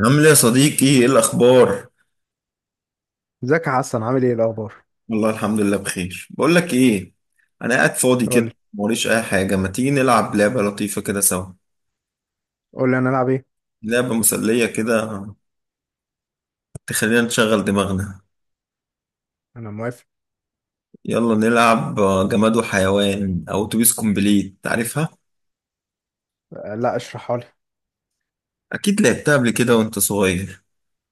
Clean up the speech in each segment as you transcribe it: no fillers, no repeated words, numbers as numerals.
عامل ايه يا صديقي؟ ايه الاخبار؟ ازيك يا حسن؟ عامل ايه الاخبار؟ والله الحمد لله بخير. بقول لك ايه، انا قاعد فاضي قول كده، لي. موريش اي حاجه. ما تيجي نلعب لعبه لطيفه كده سوا؟ قول لي انا العب ايه. لعبه مسليه كده، تخلينا نشغل دماغنا. انا موافق. يلا نلعب جماد وحيوان او اتوبيس كومبليت، تعرفها؟ لا، اشرحها لي. اكيد لعبتها قبل كده وانت صغير.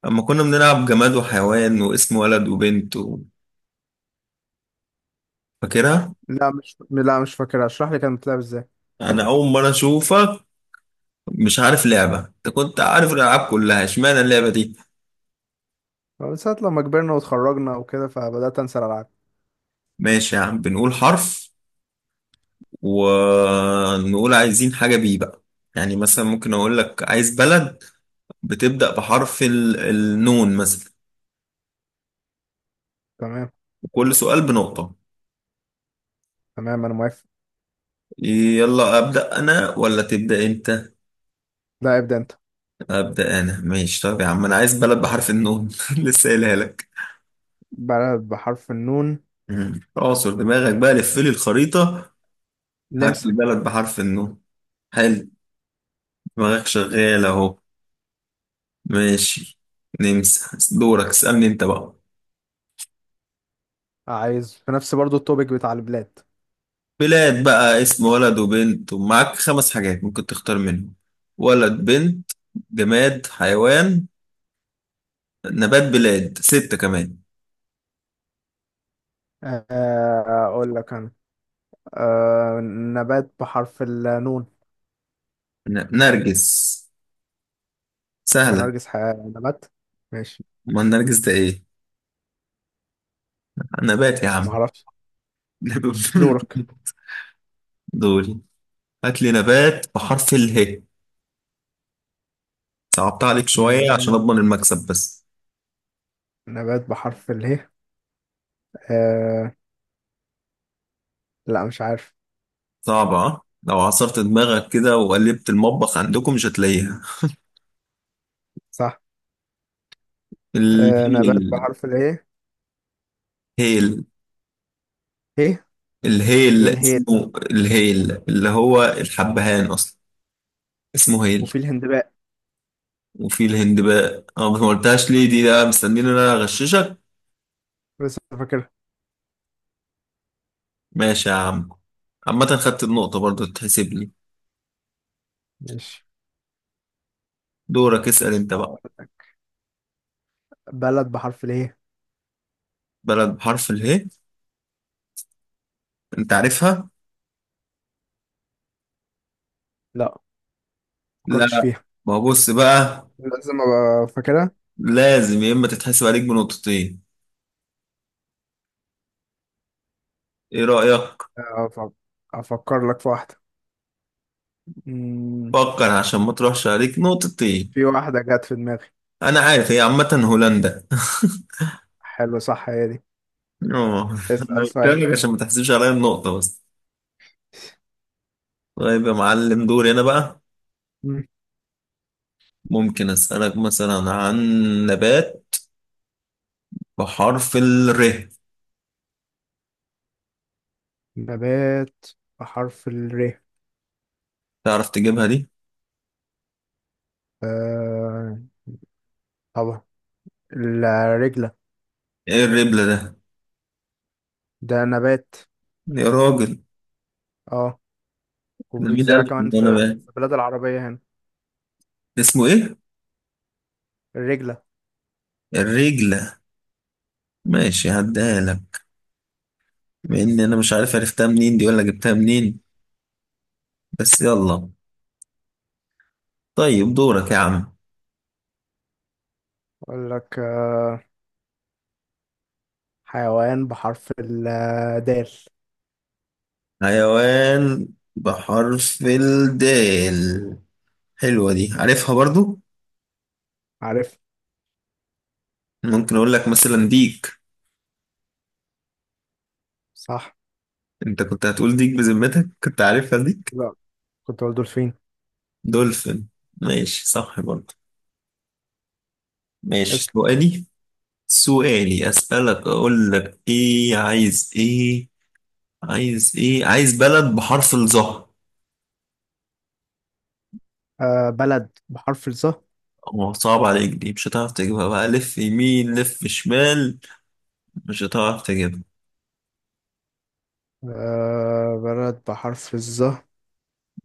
اما كنا بنلعب جماد وحيوان واسم ولد وبنت فاكرها؟ لا، مش فاكر، اشرح لي كانت بتلعب ازاي. انا اول مره اشوفك مش عارف لعبه، انت كنت عارف الالعاب كلها، اشمعنى اللعبه دي؟ من ساعه لما كبرنا واتخرجنا وكده فبدات انسى الالعاب. ماشي يا عم، بنقول حرف ونقول عايزين حاجة بيه بقى. يعني مثلا ممكن أقول لك عايز بلد بتبدأ بحرف النون مثلا. تمام. وكل سؤال بنقطة. تمام، انا موافق. يلا أبدأ أنا ولا تبدأ أنت؟ لا، ابدا انت. أبدأ أنا ماشي. طب يا عم، أنا عايز بلد بحرف النون. لسه قايلها لك. بلد بحرف النون؟ مم. اعصر دماغك بقى، لف لي الخريطة. هات نمسا. لي بلد بحرف النون. حلو، دماغك شغال أهو. ماشي، نمسح. دورك، اسألني أنت بقى. عايز في نفس برضو التوبيك بتاع البلاد. بلاد بقى، اسم ولد وبنت، ومعاك 5 حاجات ممكن تختار منهم: ولد، بنت، جماد، حيوان، نبات، بلاد، ستة كمان. اقول لك انا. أه، نبات بحرف النون؟ نرجس، هو سهلة. نرجس حياة نبات؟ ماشي، ما النرجس ده ايه؟ نبات يا ما عم. اعرفش. دورك. دول، هات لي نبات بحرف اله. صعبت عليك شوية عشان نبات، أضمن المكسب بس. نبات بحرف اله. لا، مش عارف. صعبة ها؟ لو عصرت دماغك كده وقلبت المطبخ عندكم مش هتلاقيها. صح. آه، نبات الهيل. بحرف الايه؟ هيل. ايه؟ ايه الهيل الهي؟ اسمه الهيل، اللي هو الحبهان اصلا. اسمه هيل. وفي الهندباء وفي الهندباء اه، ما قلتهاش ليه دي؟ ده مستنيني ان انا اغششك. بس، فاكر. ماشي يا عم، عامة خدت النقطة برضو، تتحسب لي. ماشي. دورك، اسأل انت بقى. أقول لك. بلد بحرف الايه؟ بلد بحرف اله، انت عارفها؟ لا، ما فكرتش لا. فيها. ما هو بص بقى، لازم ابقى فاكرها. لازم. يا اما تتحسب عليك بنقطتين، ايه رأيك؟ أف- افكر لك في واحده. مم، فكر عشان ما تروحش عليك نقطتين. في واحده جت في دماغي. انا عارف، هي عامة هولندا. حلو، صح، هي دي. اه، اسال سؤال. عشان ما تحسبش عليا النقطة بس. طيب يا معلم، دوري أنا بقى. مم. ممكن أسألك مثلا عن نبات بحرف الر. نبات بحرف الر؟ تعرف تجيبها دي؟ آه، طبعا، الرجله. إيه الربلة ده؟ ده نبات، يا راجل. اه، ده مين وبيتزرع قال لك إن كمان أنا في بقى؟ في البلاد العربيه هنا. اسمه إيه؟ الرجله. الرجلة. ماشي، هديها لك. مع إن أنا مش عارف عرفتها منين دي ولا جبتها منين. بس يلا. طيب دورك يا عم. اقول لك، حيوان بحرف الدال. حيوان بحرف الدال. حلوة دي، عارفها برضو؟ عارف. ممكن أقول لك مثلا ديك. صح. أنت كنت هتقول ديك؟ بذمتك كنت عارفها دي؟ لا، كنت بقول دولفين. دولفين، ماشي صح برضه. ماشي، اسم. سؤالي. سؤالي أسألك، أقول لك إيه، عايز إيه، عايز بلد بحرف الظهر. آه، بلد بحرف الظه. هو صعب عليك دي، مش هتعرف تجيبها. بقى لف يمين لف شمال، مش هتعرف تجيبها. آه، بلد بحرف الظه.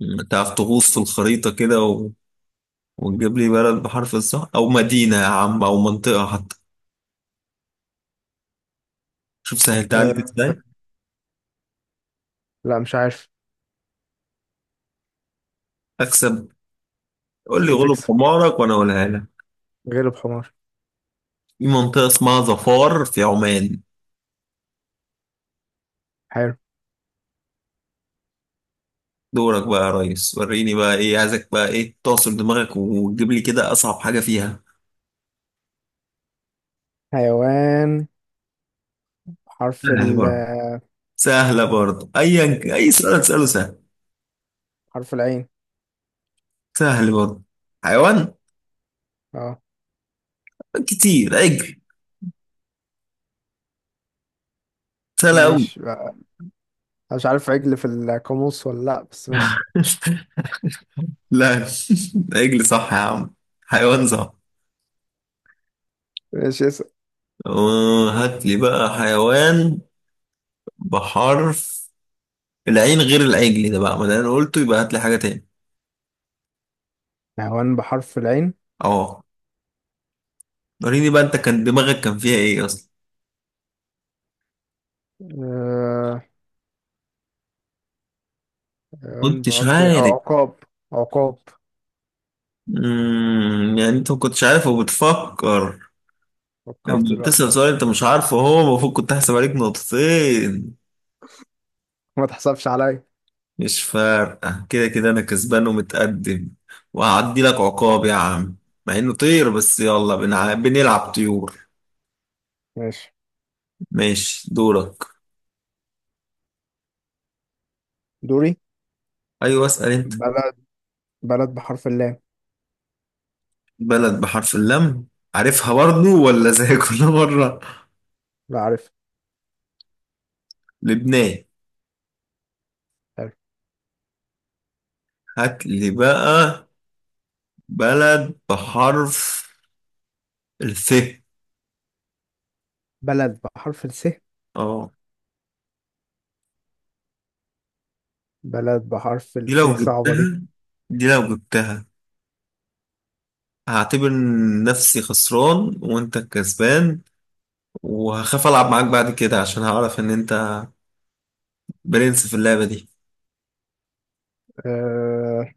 تعرف تغوص في الخريطة كده وتجيب لي بلد بحرف الظهر أو مدينة يا عم أو منطقة حتى. شوف سهلتها عليك آه، إزاي. لا مش عارف. أكسب. قول لي غلب تكسب. حمارك وأنا أقولها لك. غلب حمار. في منطقة اسمها ظفار في عمان. حلو. دورك بقى يا ريس، وريني بقى ايه عايزك، بقى ايه تعصر دماغك وتجيب لي كده اصعب حاجة فيها. حيوان بحرف سهل ال، برضه. سهلة برضه، ايا اي سؤال تسأله سهل. حرف العين. سهل برضه. حيوان اه. كتير، عجل. سهلة أوي. مش مش عارف عجل في القاموس ولا لا، بس ماشي. لا. عجل صح يا عم، حيوان صح. ماشي. اسم هات لي بقى حيوان بحرف العين غير العجل ده بقى، ما ده انا قلته، يبقى هات لي حاجة تاني. حيوان بحرف العين. اه، وريني بقى انت كان دماغك كان فيها ايه اصلا. آه، ما حيوان كنتش بحرف العين عارف. عقاب. عقاب. يعني انت ما كنتش عارف وبتفكر؟ فكرت لما دلوقتي. بتسأل سؤال انت مش عارفه، هو المفروض كنت هحسب عليك نقطتين. ما تحسبش عليا. مش فارقة، كده كده انا كسبان ومتقدم، وهعدي لك عقاب يا عم مع انه طير. بس يلا بنلعب طيور. ماشي. ماشي دورك. دوري. ايوه اسأل انت. بلد، بلد بحرف اللام. بلد بحرف اللام. عارفها برضو ولا زي كل مرة؟ لا، عارف. لبنان. حلو. هات لي بقى بلد بحرف الف. بلد بحرف الس. اه، بلد بحرف دي الس؟ لو صعبة دي. جبتها، دي لو جبتها هعتبر نفسي خسران وانت الكسبان، وهخاف العب معاك بعد كده عشان هعرف ان انت برنس في اللعبة دي. أه،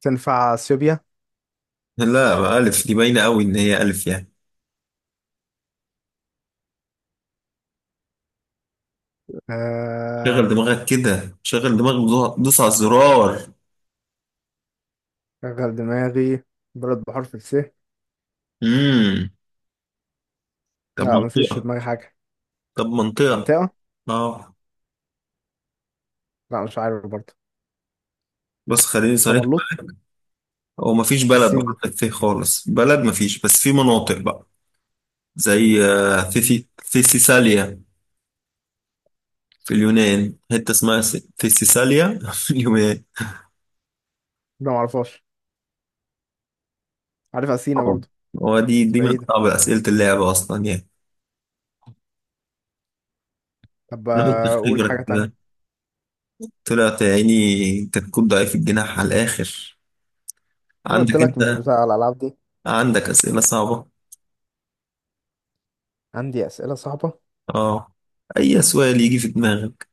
تنفع اثيوبيا؟ لا بقى الف دي باينة قوي ان هي الف يعني. شغل أه، دماغك كده، شغل دماغك، دوس على الزرار. شغل دماغي. بلد بحرف الس. امم. طب لا، مفيش في منطقة. دماغي حاجة. طب منطقة. منطقة. اه. لا، مش عارف برضه. بس خليني صريح سملوط. معاك، هو مفيش بلد بالسين دي. بحرف الث خالص، بلد مفيش بس في مناطق بقى. زي مم. ثيسيساليا في اليونان. حتة اسمها تساليا في اليونان. لا، معرفهاش. عارف أثينا طبعا. برضه. هو دي بس دي من بعيدة. أصعب أسئلة اللعبة أصلا يعني. طب، نقطة أقول خبرة حاجة كده. تانية. طلعت يا عيني كتكوت ضعيف الجناح على الآخر. أنا قلت عندك لك مش أنت، بتاع الألعاب دي. عندك أسئلة صعبة. عندي أسئلة صعبة. أه، أي سؤال يجي في دماغك.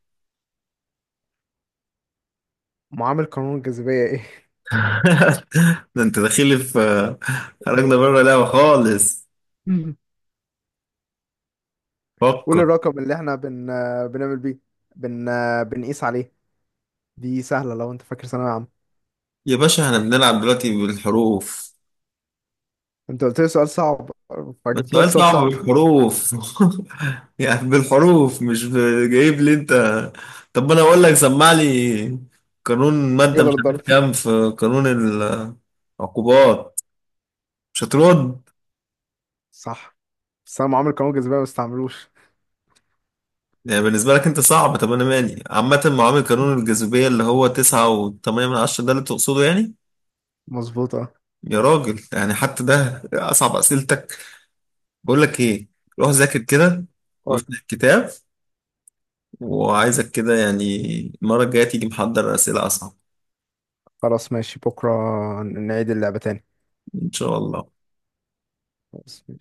معامل قانون الجاذبية إيه؟ ده أنت داخل في، خرجنا بره اللعبة خالص. قول فكر. الرقم اللي احنا بنعمل بيه، بن بنقيس عليه. دي سهلة لو انت فاكر ثانوية عامة. يا باشا احنا بنلعب دلوقتي بالحروف. انت قلت لي سؤال صعب، ده فجبت لك سؤال سؤال صعب صعب. بالحروف. يعني بالحروف مش جايب لي انت. طب انا اقول لك، سمع لي، قانون مادة مش يقدر عارف الضرب. كام في قانون العقوبات، مش هترد. صح. بس انا عمري قانون الجاذبية ما استعملوش. يعني بالنسبة لك انت صعب، طب انا مالي. عامة معامل قانون الجاذبية اللي هو 9.8 من 10 ده اللي تقصده يعني. مظبوط، اه. يا راجل، يعني حتى ده اصعب اسئلتك. بقول لك ايه، روح ذاكر كده قول. وافتح الكتاب. وعايزك كده يعني، المرة الجاية تيجي محضر اسئلة اصعب. خلاص ماشي، بكرة نعيد اللعبة تاني. ان شاء الله. خلاص ماشي.